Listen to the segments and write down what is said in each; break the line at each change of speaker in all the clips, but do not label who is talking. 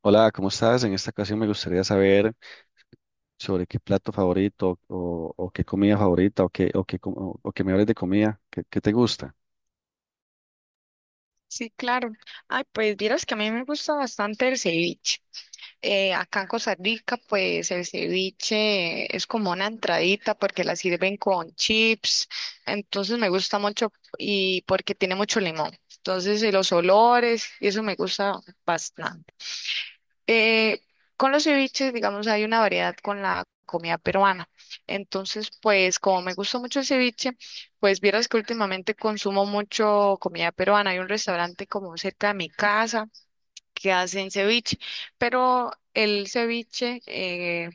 Hola, ¿cómo estás? En esta ocasión me gustaría saber sobre qué plato favorito o qué comida favorita o que me hables de comida, ¿qué, qué te gusta?
Sí, claro. Ay, pues vieras que a mí me gusta bastante el ceviche. Acá en Costa Rica, pues el ceviche es como una entradita porque la sirven con chips. Entonces me gusta mucho y porque tiene mucho limón. Entonces, y los olores, y eso me gusta bastante. Eh, con los ceviches, digamos, hay una variedad con la comida peruana. Entonces, pues como me gusta mucho el ceviche, pues vieras que últimamente consumo mucho comida peruana. Hay un restaurante como cerca de mi casa que hacen ceviche, pero el ceviche,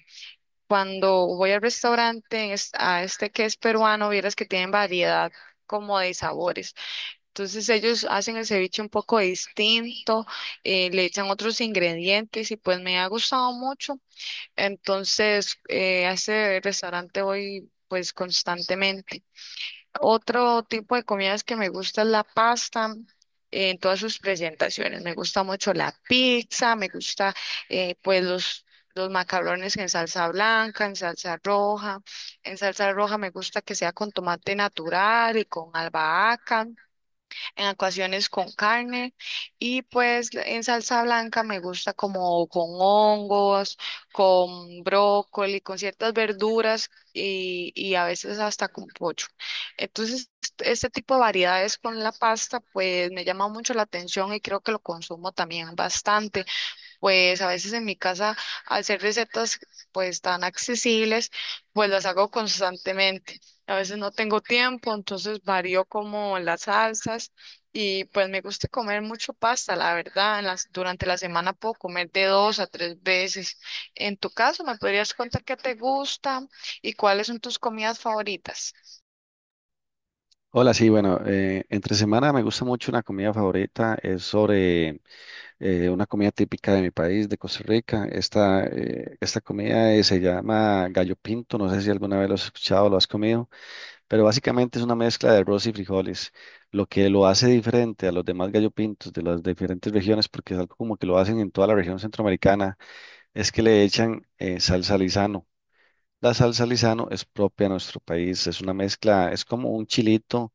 cuando voy al restaurante a este que es peruano, vieras que tienen variedad como de sabores. Entonces ellos hacen el ceviche un poco distinto, le echan otros ingredientes y pues me ha gustado mucho. Entonces a ese restaurante voy pues constantemente. Otro tipo de comidas que me gusta es la pasta. En todas sus presentaciones. Me gusta mucho la pizza, me gusta pues los macarrones en salsa blanca, en salsa roja. En salsa roja me gusta que sea con tomate natural y con albahaca en ocasiones con carne y pues en salsa blanca me gusta como con hongos, con brócoli, con ciertas verduras y a veces hasta con pollo. Entonces, este tipo de variedades con la pasta pues me llama mucho la atención y creo que lo consumo también bastante. Pues a veces en mi casa, al ser recetas pues tan accesibles, pues las hago constantemente. A veces no tengo tiempo, entonces varío como las salsas y pues me gusta comer mucho pasta, la verdad. Durante la semana puedo comer de 2 a 3 veces. En tu caso, ¿me podrías contar qué te gusta y cuáles son tus comidas favoritas?
Hola, sí, bueno, entre semana me gusta mucho una comida favorita, es sobre una comida típica de mi país, de Costa Rica. Esta comida se llama gallo pinto, no sé si alguna vez lo has escuchado, lo has comido. Pero básicamente es una mezcla de arroz y frijoles, lo que lo hace diferente a los demás gallo pintos de las diferentes regiones, porque es algo como que lo hacen en toda la región centroamericana, es que le echan salsa Lizano. La salsa Lizano es propia a nuestro país, es una mezcla, es como un chilito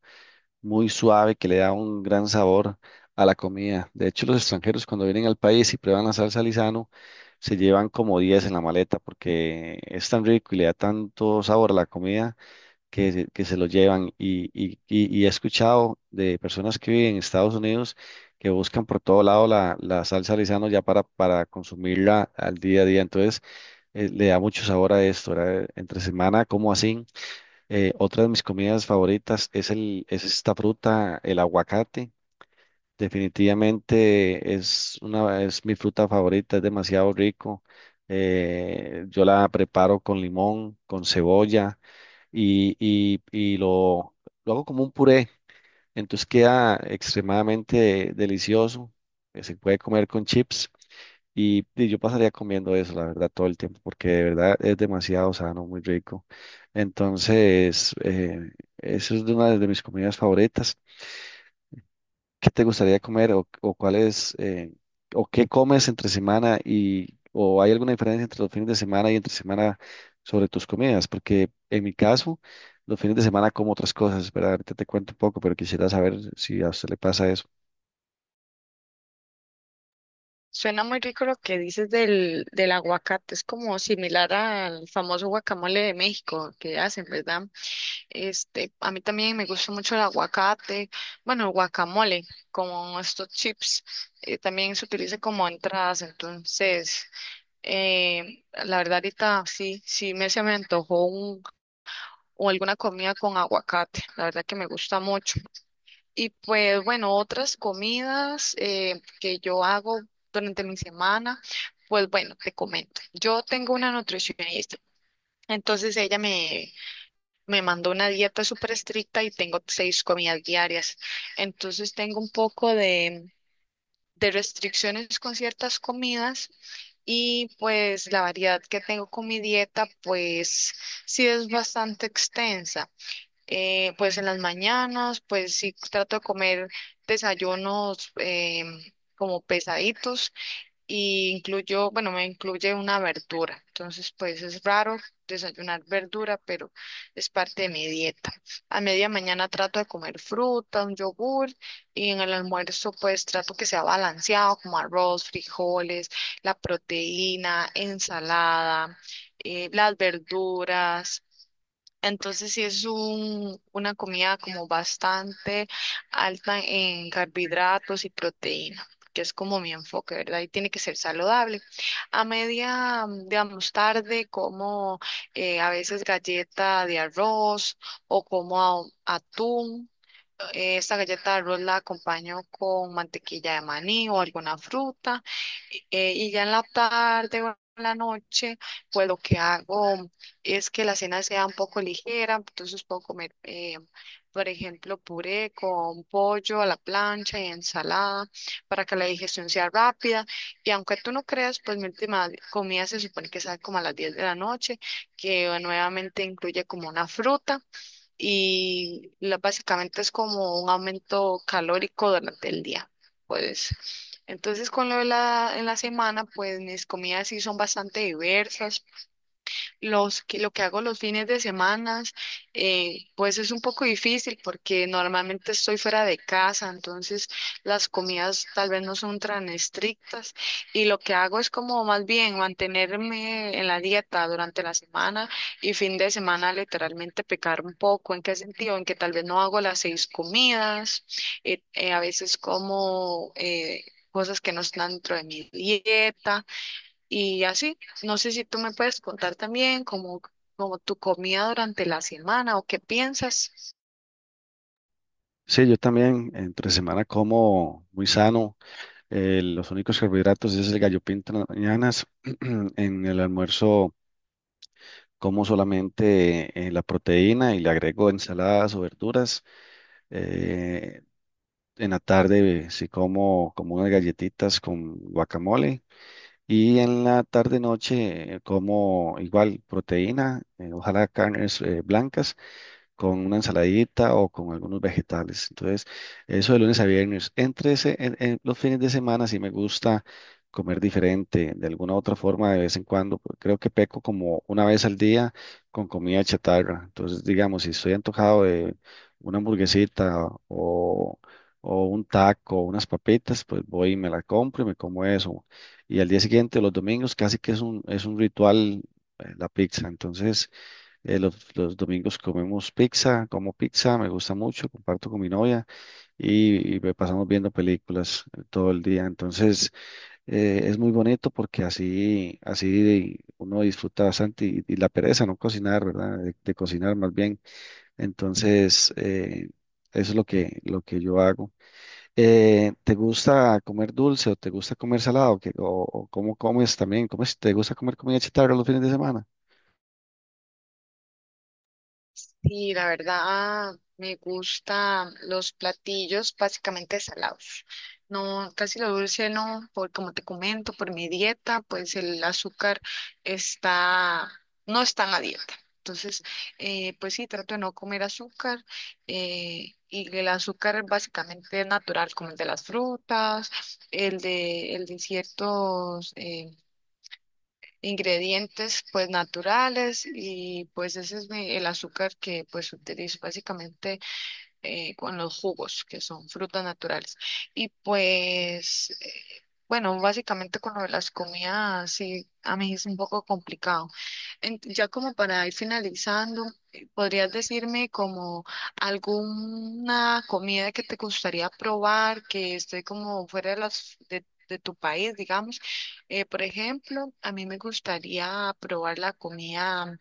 muy suave que le da un gran sabor a la comida. De hecho, los extranjeros cuando vienen al país y prueban la salsa Lizano, se llevan como 10 en la maleta porque es tan rico y le da tanto sabor a la comida que se lo llevan. Y he escuchado de personas que viven en Estados Unidos que buscan por todo lado la salsa Lizano ya para consumirla al día a día. Entonces, le da mucho sabor a esto, ¿verdad? Entre semana, como así. Otra de mis comidas favoritas es esta fruta, el aguacate. Definitivamente es mi fruta favorita, es demasiado rico. Yo la preparo con limón, con cebolla y lo hago como un puré. Entonces queda extremadamente delicioso. Se puede comer con chips y yo pasaría comiendo eso, la verdad, todo el tiempo, porque de verdad es demasiado sano, muy rico. Entonces, eso es de una de mis comidas favoritas. ¿Qué te gustaría comer o cuál es, o qué comes entre semana o hay alguna diferencia entre los fines de semana y entre semana sobre tus comidas? Porque en mi caso, los fines de semana como otras cosas, ¿verdad? Ahorita te cuento un poco, pero quisiera saber si a usted le pasa eso.
Suena muy rico lo que dices del aguacate, es como similar al famoso guacamole de México que hacen, ¿verdad? Este, a mí también me gusta mucho el aguacate, bueno, el guacamole, como estos chips, también se utiliza como entradas, entonces, la verdad ahorita sí, sí me antojó o alguna comida con aguacate, la verdad que me gusta mucho. Y pues bueno, otras comidas que yo hago durante mi semana, pues bueno, te comento, yo tengo una nutricionista. Entonces me mandó una dieta súper estricta y tengo 6 comidas diarias. Entonces tengo un poco de restricciones con ciertas comidas y pues la variedad que tengo con mi dieta pues sí es bastante extensa. Pues en las mañanas pues sí trato de comer desayunos como pesaditos y incluyo, bueno, me incluye una verdura. Entonces, pues es raro desayunar verdura, pero es parte de mi dieta. A media mañana trato de comer fruta, un yogur y en el almuerzo pues trato que sea balanceado, como arroz, frijoles, la proteína, ensalada, las verduras. Entonces sí es una comida como bastante alta en carbohidratos y proteína, que es como mi enfoque, ¿verdad? Y tiene que ser saludable. A digamos, tarde como a veces galleta de arroz o atún. Esta galleta de arroz la acompaño con mantequilla de maní o alguna fruta. Y ya en la tarde o en la noche, pues lo que hago es que la cena sea un poco ligera, entonces puedo comer, por ejemplo, puré con pollo a la plancha y ensalada para que la digestión sea rápida. Y aunque tú no creas, pues mi última comida se supone que sale como a las 10 de la noche, que nuevamente incluye como una fruta y básicamente es como un aumento calórico durante el día. Pues entonces con lo de la semana, pues mis comidas sí son bastante diversas lo que hago los fines de semana, pues es un poco difícil porque normalmente estoy fuera de casa, entonces las comidas tal vez no son tan estrictas y lo que hago es como más bien mantenerme en la dieta durante la semana y fin de semana literalmente pecar un poco. ¿En qué sentido? En que tal vez no hago las 6 comidas, a veces como... cosas que no están dentro de mi dieta, y así, no sé si tú me puedes contar también como, como tu comida durante la semana o qué piensas.
Sí, yo también entre semana como muy sano. Los únicos carbohidratos es el gallo pinto en las mañanas. En el almuerzo como solamente la proteína y le agrego ensaladas o verduras. Eh, En la tarde sí como, como unas galletitas con guacamole y en la tarde noche como igual proteína, ojalá carnes blancas con una ensaladita o con algunos vegetales. Entonces, eso de lunes a viernes. En los fines de semana sí me gusta comer diferente, de alguna u otra forma, de vez en cuando. Creo que peco como una vez al día con comida chatarra. Entonces, digamos, si estoy antojado de una o un taco, unas papitas, pues voy y me la compro y me como eso. Y al día siguiente, los domingos, casi que es un ritual, la pizza. Entonces, los domingos comemos pizza, como pizza, me gusta mucho, comparto con mi novia y me pasamos viendo películas todo el día. Entonces, es muy bonito porque así uno disfruta bastante y la pereza, no cocinar, ¿verdad? De cocinar más bien. Entonces, eso es lo lo que yo hago. ¿Te gusta comer dulce o te gusta comer salado? ¿Qué- o cómo comes también? ¿Cómo es- te gusta comer comida chatarra los fines de semana?
Sí, la verdad, me gustan los platillos básicamente salados. No, casi lo dulce no, por como te comento, por mi dieta, pues el está, no está en la dieta. Entonces, pues sí, trato de no comer azúcar y el azúcar básicamente es natural, como el de las frutas, el el de ciertos ingredientes pues naturales y pues ese es el azúcar que pues utilizo básicamente con los jugos, que son frutas naturales. Y pues, bueno, básicamente con lo de las comidas, sí, a mí es un poco complicado. Ya como para ir finalizando, ¿podrías decirme como alguna comida que te gustaría probar, que esté como fuera de las... de tu país, digamos? Por ejemplo, a mí me gustaría probar la comida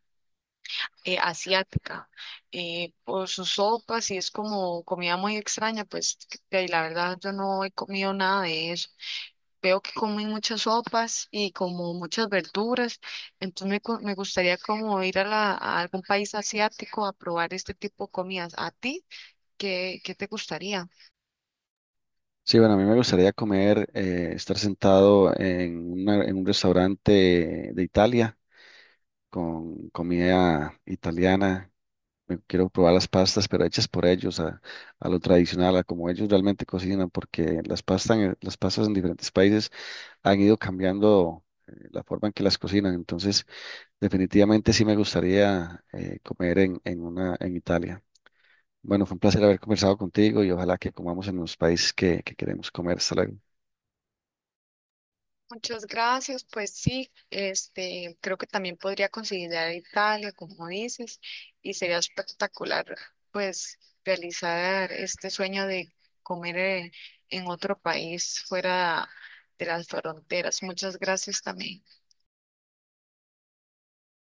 asiática por sus sopas y es como comida muy extraña, pues que la verdad yo no he comido nada de eso. Veo que comen muchas sopas y como muchas verduras, entonces me gustaría como ir a algún país asiático a probar este tipo de comidas. ¿A ti qué, qué te gustaría?
Sí, bueno, a mí me gustaría comer, estar sentado en un restaurante de Italia con comida italiana. Me quiero probar las pastas, pero hechas por ellos, a lo tradicional, a como ellos realmente cocinan, porque las pastas en diferentes países han ido cambiando la forma en que las cocinan. Entonces, definitivamente sí me gustaría comer en Italia. Bueno, fue un placer haber conversado contigo y ojalá que comamos en los países que queremos comer. Hasta luego.
Muchas gracias, pues sí, este, creo que también podría considerar Italia, como dices, y sería espectacular, pues, realizar este sueño de comer en otro país fuera de las fronteras. Muchas gracias también.